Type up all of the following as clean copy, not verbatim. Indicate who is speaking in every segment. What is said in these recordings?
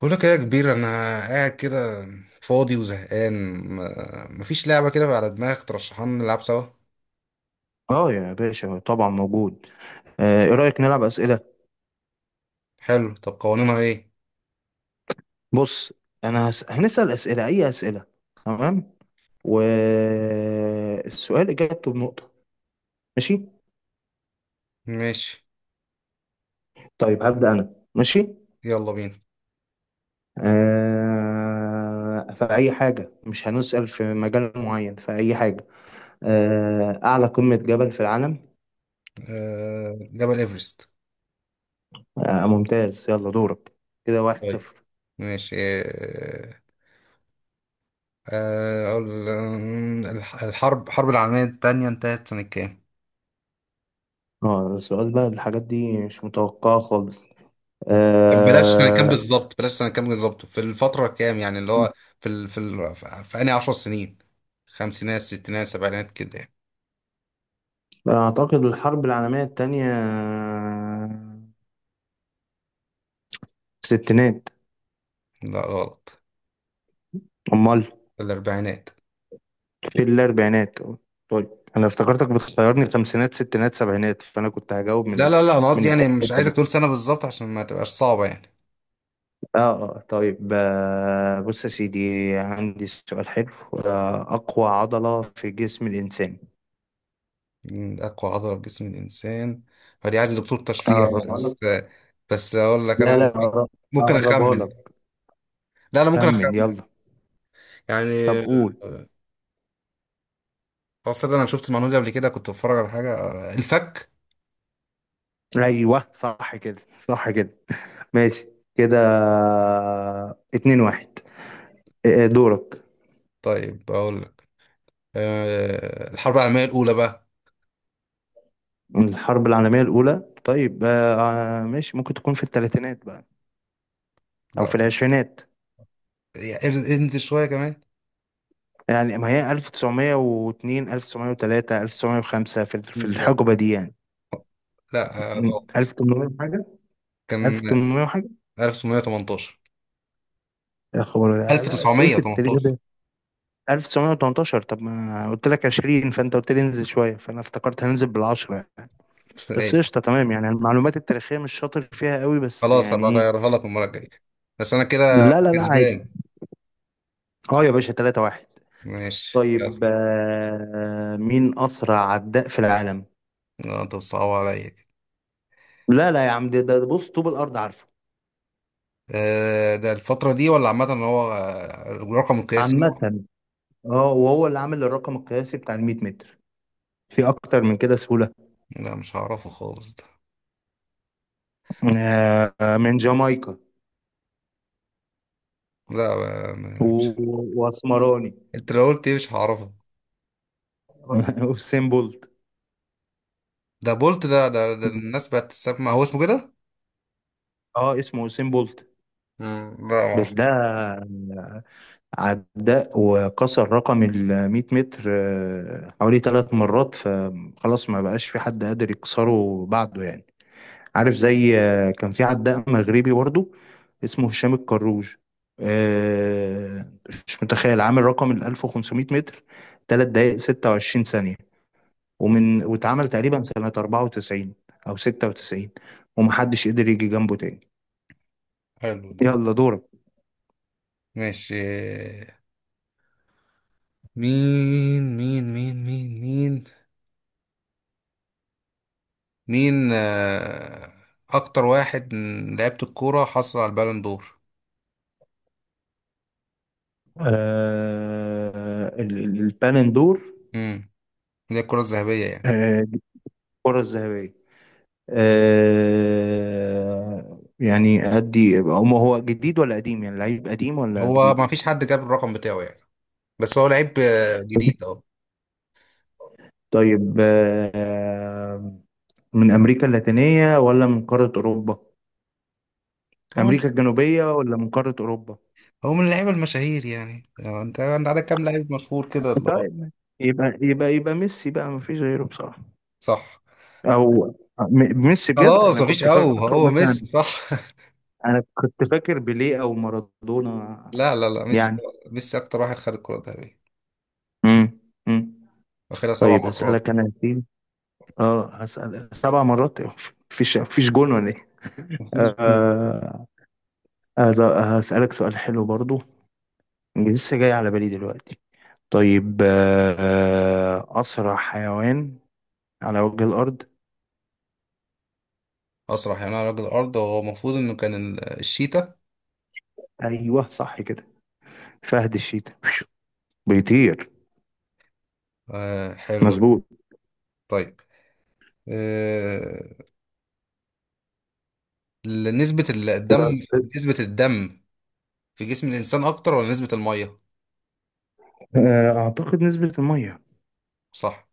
Speaker 1: بقول لك إيه يا كبير؟ انا قاعد كده فاضي وزهقان. مفيش لعبه كده على دماغك ترشحها لنا نلعب سوا؟
Speaker 2: اه يا باشا طبعا موجود. ايه رأيك نلعب أسئلة؟
Speaker 1: حلو، طب قوانينها ايه؟
Speaker 2: بص. انا هنسأل أسئلة، اي أسئلة. تمام، والسؤال إجابته بنقطة. ماشي.
Speaker 1: ماشي،
Speaker 2: طيب هبدأ انا، ماشي.
Speaker 1: يلا بينا.
Speaker 2: في اي حاجة، مش هنسأل في مجال معين، في اي حاجة. اعلى قمة جبل في العالم.
Speaker 1: آه، جبل ايفرست.
Speaker 2: ممتاز، يلا دورك. كده واحد
Speaker 1: طيب،
Speaker 2: صفر.
Speaker 1: ماشي. الحرب العالميه الثانيه انتهت سنه كام؟
Speaker 2: اه، السؤال بقى الحاجات دي مش متوقعة خالص.
Speaker 1: طب بلاش بلاش سنه كام، سنة
Speaker 2: آه...
Speaker 1: بالظبط، بلاش سنه كام بالظبط، في الفتره كام يعني، اللي هو في ال... في ال... في في انهي 10 سنين؟ خمسينات ستينات سبعينات كده يعني.
Speaker 2: أعتقد الحرب العالمية التانية، ستينات.
Speaker 1: لا، غلط.
Speaker 2: أمال؟
Speaker 1: في الاربعينات.
Speaker 2: في الأربعينات. طيب، أنا افتكرتك بتخيرني خمسينات ستينات سبعينات، فأنا كنت هجاوب من
Speaker 1: لا لا لا، انا
Speaker 2: من
Speaker 1: قصدي يعني
Speaker 2: الحتة
Speaker 1: مش عايزك
Speaker 2: دي.
Speaker 1: تقول سنة بالظبط عشان ما تبقاش صعبة يعني.
Speaker 2: طيب، بص يا سيدي، عندي سؤال حلو. أقوى عضلة في جسم الإنسان.
Speaker 1: من اقوى عضلة في جسم الانسان؟ فدي عايز دكتور تشريح.
Speaker 2: أقربها
Speaker 1: بس
Speaker 2: لك.
Speaker 1: بس اقول لك انا
Speaker 2: لا لا،
Speaker 1: ممكن
Speaker 2: أقربها
Speaker 1: اخمن.
Speaker 2: لك.
Speaker 1: لا، انا ممكن
Speaker 2: خمن
Speaker 1: اخمن
Speaker 2: يلا. طب
Speaker 1: يعني.
Speaker 2: قول.
Speaker 1: اصلا انا شفت المعلومة دي قبل كده، كنت بتفرج على حاجة، الفك.
Speaker 2: أيوه، صح كده صح كده. ماشي. كده اتنين واحد. إيه إيه، دورك.
Speaker 1: طيب، اقول لك. الحرب العالمية الاولى بقى.
Speaker 2: من الحرب العالمية الأولى، طيب. ماشي، ممكن تكون في الثلاثينات بقى، أو
Speaker 1: لا
Speaker 2: في العشرينات.
Speaker 1: يعني انزل شوية كمان.
Speaker 2: يعني ما هي 1902 1903 1905، في
Speaker 1: لا
Speaker 2: الحقبة دي يعني.
Speaker 1: لا، غلط.
Speaker 2: 1800 حاجة،
Speaker 1: كان
Speaker 2: 1800 حاجة.
Speaker 1: 1918.
Speaker 2: يا خبر، لا لا، أسئلة التاريخ
Speaker 1: 1918.
Speaker 2: ده. 1918؟ طب ما قلت لك 20، فأنت قلت لي انزل شوية، فأنا افتكرت هننزل بالعشرة يعني. بس قشطة، تمام، يعني المعلومات التاريخية مش شاطر فيها قوي، بس
Speaker 1: خلاص،
Speaker 2: يعني
Speaker 1: هبقى
Speaker 2: إيه.
Speaker 1: اغيرها لك المرة الجاية، بس انا كده
Speaker 2: لا لا لا، عادي.
Speaker 1: كسبان.
Speaker 2: أه يا باشا، 3-1.
Speaker 1: ماشي،
Speaker 2: طيب،
Speaker 1: يلا.
Speaker 2: مين أسرع عداء في العالم؟
Speaker 1: لا، انت بتصعب عليا كده.
Speaker 2: لا لا يا عم، ده بص، طوب الأرض عارفه.
Speaker 1: ده الفترة دي ولا عامة، ان هو رقم قياسي؟
Speaker 2: عامة. اه، وهو اللي عامل الرقم القياسي بتاع ال 100 متر. في أكتر من كده سهولة؟
Speaker 1: لا، مش هعرفه خالص ده.
Speaker 2: من جامايكا،
Speaker 1: لا، مش،
Speaker 2: وأسمراني.
Speaker 1: انت لو قلت ايه مش هعرفه.
Speaker 2: وسين بولت.
Speaker 1: ده بولت، ده الناس بقت تسمع، هو اسمه كده؟
Speaker 2: اه، اسمه وسين بولت.
Speaker 1: مم، لا ما اعرف.
Speaker 2: بس ده عداء، وكسر رقم ال 100 متر حوالي ثلاث مرات، فخلاص ما بقاش في حد قادر يكسره بعده يعني. عارف، زي كان في عداء مغربي برضه، اسمه هشام الكروج. آه، مش متخيل عامل رقم ال 1500 متر 3 دقائق 26 ثانية، ومن واتعمل تقريبا سنة 94 أو 96، ومحدش قدر يجي جنبه تاني.
Speaker 1: حلو ده.
Speaker 2: يلا دورك.
Speaker 1: ماشي، مين مين مين مين مين مين اكتر واحد من لعيبة الكورة حصل على البالون دور؟
Speaker 2: البالون دور.
Speaker 1: مم. زي الكرة الذهبية يعني.
Speaker 2: دي الكرة الذهبية. يعني أدي، هو جديد ولا قديم؟ يعني لعيب قديم ولا
Speaker 1: هو ما
Speaker 2: جديد؟
Speaker 1: فيش حد جاب الرقم بتاعه يعني، بس هو لعيب جديد اهو.
Speaker 2: طيب، من أمريكا اللاتينية ولا من قارة أوروبا؟
Speaker 1: هو من
Speaker 2: أمريكا الجنوبية ولا من قارة أوروبا؟
Speaker 1: هو من اللعيبة المشاهير يعني. انت عندك كام لعيب مشهور كده اللي هو.
Speaker 2: طيب يبقى ميسي بقى، ما فيش غيره بصراحة.
Speaker 1: صح.
Speaker 2: أو ميسي بجد؟
Speaker 1: خلاص،
Speaker 2: أنا
Speaker 1: ما فيش،
Speaker 2: كنت
Speaker 1: او
Speaker 2: فاكره
Speaker 1: هو
Speaker 2: مثلا،
Speaker 1: ميسي؟ صح.
Speaker 2: أنا كنت فاكر بيليه أو مارادونا
Speaker 1: لا لا لا، ميسي.
Speaker 2: يعني.
Speaker 1: ميسي اكتر واحد خد الكرة الذهبية،
Speaker 2: امم امم
Speaker 1: واخدها سبع
Speaker 2: طيب،
Speaker 1: مرات
Speaker 2: هسألك أنا دي. أه، هسأل سبع مرات إيه؟ مفيش جون ولا إيه؟ آه، هسألك سؤال حلو برضو، لسه جاي على بالي دلوقتي. طيب، أسرع حيوان على وجه الأرض.
Speaker 1: اسرح، يعني انا راجل ارض، هو المفروض انه كان الشيتا.
Speaker 2: أيوه صح كده، فهد الشيتا بيطير.
Speaker 1: آه، حلو.
Speaker 2: مظبوط.
Speaker 1: طيب، آه نسبة الدم،
Speaker 2: كده
Speaker 1: نسبة الدم في جسم الانسان اكتر ولا نسبة المية؟
Speaker 2: أعتقد نسبة المية.
Speaker 1: صح.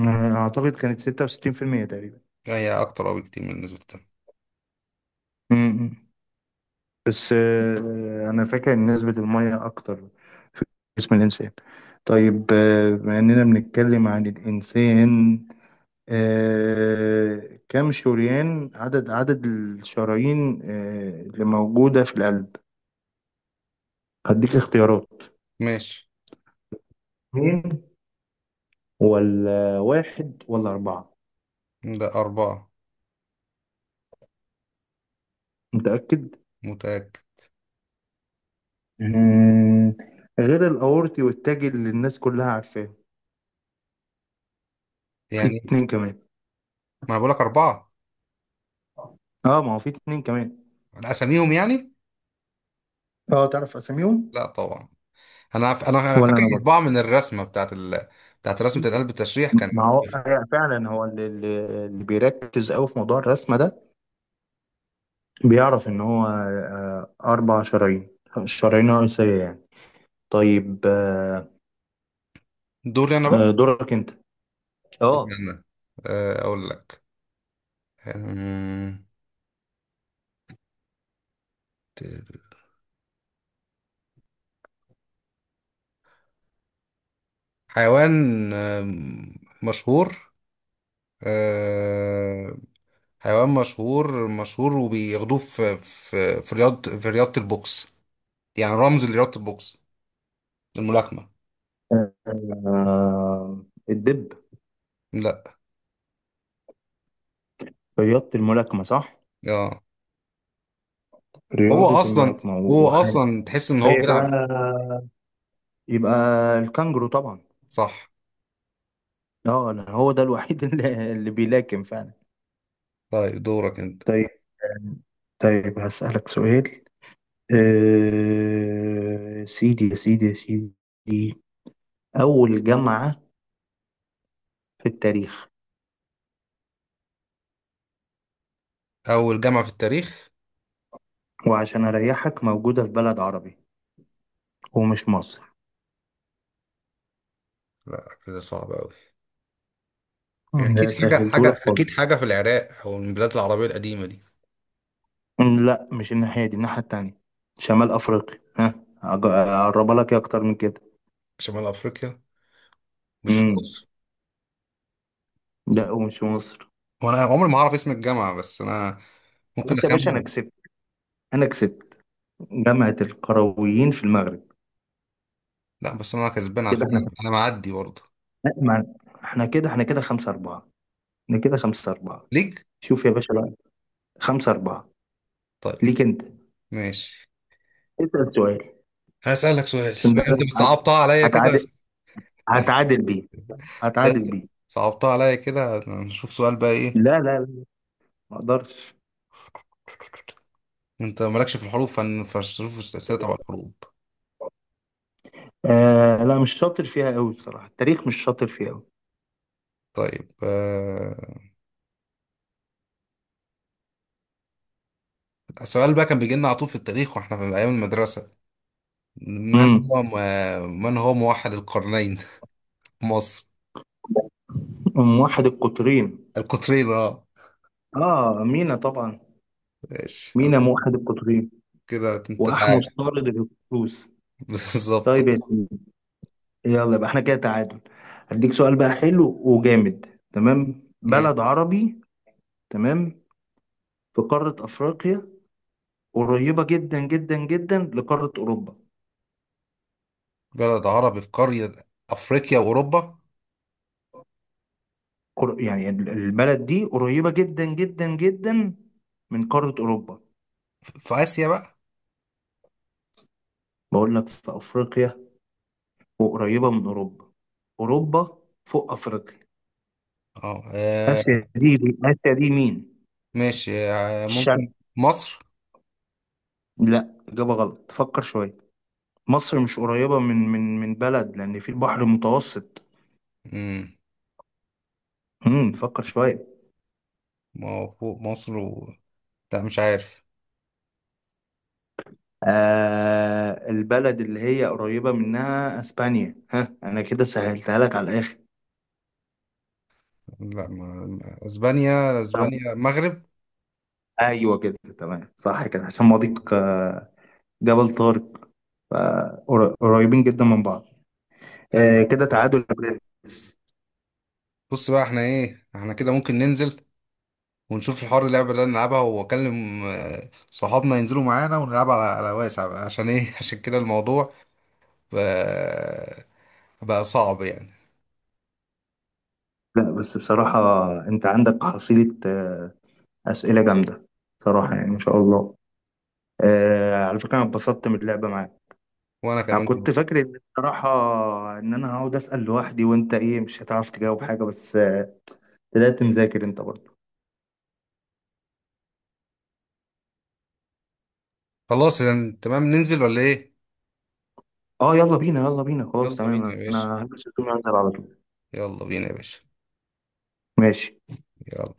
Speaker 2: أعتقد كانت 66% تقريبا.
Speaker 1: هي أكتر أوي كتير من النسبة التانية.
Speaker 2: م-م. بس أنا فاكر إن نسبة المية أكتر في جسم الإنسان. طيب، بما إننا بنتكلم عن الإنسان، كم شريان، عدد الشرايين اللي موجودة في القلب؟ هديك اختيارات.
Speaker 1: ماشي.
Speaker 2: اتنين ولا واحد ولا أربعة؟
Speaker 1: ده أربعة.
Speaker 2: متأكد؟
Speaker 1: متأكد.
Speaker 2: مم، غير الأورطي والتاجي اللي الناس كلها عارفاه، في
Speaker 1: يعني،
Speaker 2: اتنين كمان.
Speaker 1: ما أنا بقولك أربعة،
Speaker 2: اه، ما هو في اتنين كمان.
Speaker 1: على أساميهم يعني
Speaker 2: اه، تعرف أساميهم؟
Speaker 1: لا طبعا. أنا ف... أنا أنا
Speaker 2: ولا
Speaker 1: فاكر
Speaker 2: أنا برضه.
Speaker 1: أربعة من الرسمة بتاعت رسمة القلب، التشريح كان.
Speaker 2: ما هو هي فعلا، هو اللي بيركز أوي في موضوع الرسمة ده بيعرف إن هو أربع شرايين، الشرايين الرئيسية يعني. طيب.
Speaker 1: دوري أنا بقى.
Speaker 2: دورك أنت.
Speaker 1: دوري
Speaker 2: اه.
Speaker 1: أنا، أقول لك. أمم، حيوان، مشهور. آه، حيوان مشهور مشهور، وبياخدوه في رياضة البوكس يعني، رمز لرياضة البوكس، الملاكمة.
Speaker 2: آه، الدب؟
Speaker 1: لا،
Speaker 2: رياضة الملاكمة، صح؟
Speaker 1: اه. هو
Speaker 2: رياضة
Speaker 1: اصلا
Speaker 2: الملاكمة
Speaker 1: هو
Speaker 2: وحاجة.
Speaker 1: اصلا تحس ان هو
Speaker 2: هي بقى
Speaker 1: بيلعب.
Speaker 2: يبقى الكانجرو طبعا.
Speaker 1: صح.
Speaker 2: اه، انا هو ده الوحيد اللي بيلاكم فعلا.
Speaker 1: طيب، دورك انت.
Speaker 2: طيب. طيب هسألك سؤال. سيدي يا سيدي يا سيدي، أول جامعة في التاريخ.
Speaker 1: اول جامعة في التاريخ.
Speaker 2: وعشان أريحك، موجودة في بلد عربي، ومش مصر.
Speaker 1: لا، كده صعب قوي. هي
Speaker 2: ده
Speaker 1: اكيد
Speaker 2: سهلتهولك خالص.
Speaker 1: حاجة في العراق او من البلاد العربية القديمة دي.
Speaker 2: لا، مش الناحية دي، الناحية التانية، شمال أفريقيا ها. أقربها لك إيه أكتر من
Speaker 1: شمال افريقيا. مش في
Speaker 2: كده؟
Speaker 1: مصر.
Speaker 2: لا، ومش في مصر.
Speaker 1: وانا عمري ما هعرف اسم الجامعة، بس انا ممكن
Speaker 2: بس يا باشا، انا
Speaker 1: اخمن.
Speaker 2: كسبت، انا كسبت. جامعة القرويين في المغرب.
Speaker 1: لا، بس انا كسبان على
Speaker 2: كده
Speaker 1: فكرة.
Speaker 2: احنا
Speaker 1: انا معدي برضه.
Speaker 2: مع- احنا كده خمسة أربعة. احنا كده خمسة أربعة.
Speaker 1: ليك.
Speaker 2: شوف يا باشا بقى، خمسة أربعة.
Speaker 1: طيب،
Speaker 2: ليك أنت،
Speaker 1: ماشي.
Speaker 2: اسأل سؤال،
Speaker 1: هسألك سؤال.
Speaker 2: عشان
Speaker 1: ما
Speaker 2: ده
Speaker 1: انت
Speaker 2: هت-
Speaker 1: بتصعبتها عليا كده،
Speaker 2: هتعادل، هتعادل بيه، هتعادل بيه.
Speaker 1: صعبتها عليا كده، نشوف سؤال بقى ايه.
Speaker 2: لا لا لا، ما أقدرش.
Speaker 1: انت مالكش في الحروب، فالظروف والسياسة تبع الحروب.
Speaker 2: لا، مش شاطر فيها قوي بصراحة، التاريخ مش شاطر فيها قوي.
Speaker 1: طيب، السؤال بقى كان بيجي لنا على طول في التاريخ واحنا في ايام المدرسة.
Speaker 2: امم
Speaker 1: من هو موحد القرنين؟ في مصر.
Speaker 2: أم واحد القطرين.
Speaker 1: القطرين، اه.
Speaker 2: اه، مينا طبعا.
Speaker 1: ماشي،
Speaker 2: مينا موحد القطرين،
Speaker 1: كده انت
Speaker 2: وأحمس
Speaker 1: تعالى.
Speaker 2: طارد الهكسوس.
Speaker 1: بالظبط.
Speaker 2: طيب يا سيدي، يلا يبقى احنا كده تعادل. هديك سؤال بقى حلو وجامد. تمام،
Speaker 1: ماشي.
Speaker 2: بلد عربي. تمام، في قارة أفريقيا، قريبة جدا جدا جدا لقارة أوروبا.
Speaker 1: بلد عربي في قارة افريقيا واوروبا؟
Speaker 2: يعني البلد دي قريبة جدا جدا جدا من قارة أوروبا.
Speaker 1: في اسيا بقى.
Speaker 2: بقول لك في أفريقيا، وقريبة من أوروبا. أوروبا فوق أفريقيا.
Speaker 1: اه،
Speaker 2: آسيا دي آسيا دي مين؟
Speaker 1: ماشي، ممكن
Speaker 2: الشرق.
Speaker 1: مصر.
Speaker 2: لا، إجابة غلط، فكر شوية. مصر مش قريبة من بلد، لأن في البحر المتوسط.
Speaker 1: امم
Speaker 2: فكر شوية.
Speaker 1: ما هو فوق مصر و... لا، مش عارف.
Speaker 2: البلد اللي هي قريبة منها اسبانيا ها، انا كده سهلتها لك على الاخر.
Speaker 1: لا، اسبانيا.
Speaker 2: طب،
Speaker 1: اسبانيا، مغرب.
Speaker 2: ايوه كده، تمام، صح كده، عشان مضيق جبل طارق، قريبين جدا من بعض.
Speaker 1: حلو.
Speaker 2: كده تعادل يا برنس.
Speaker 1: بص بقى، احنا ايه، احنا كده ممكن ننزل ونشوف الحوار، اللعبة اللي أنا نلعبها، واكلم صحابنا ينزلوا معانا، ونلعب على واسع بقى، عشان ايه. عشان كده الموضوع بقى, بقى صعب يعني.
Speaker 2: لا بس بصراحة، انت عندك حصيلة اسئلة جامدة، صراحة، يعني ما شاء الله. على فكرة، انا اتبسطت من اللعبة معاك.
Speaker 1: وانا
Speaker 2: انا
Speaker 1: كمان جدا.
Speaker 2: كنت فاكر ان بصراحه ان انا هقعد اسال لوحدي، وانت ايه مش هتعرف تجاوب حاجه، بس طلعت مذاكر انت برضه.
Speaker 1: خلاص يعني، تمام، ننزل ولا ايه؟
Speaker 2: اه يلا بينا، يلا بينا،
Speaker 1: يلا
Speaker 2: خلاص
Speaker 1: بينا يا
Speaker 2: تمام،
Speaker 1: باشا.
Speaker 2: انا هلبس هدومي وانزل على طول.
Speaker 1: يلا بينا يا باشا.
Speaker 2: ماشي.
Speaker 1: يلا.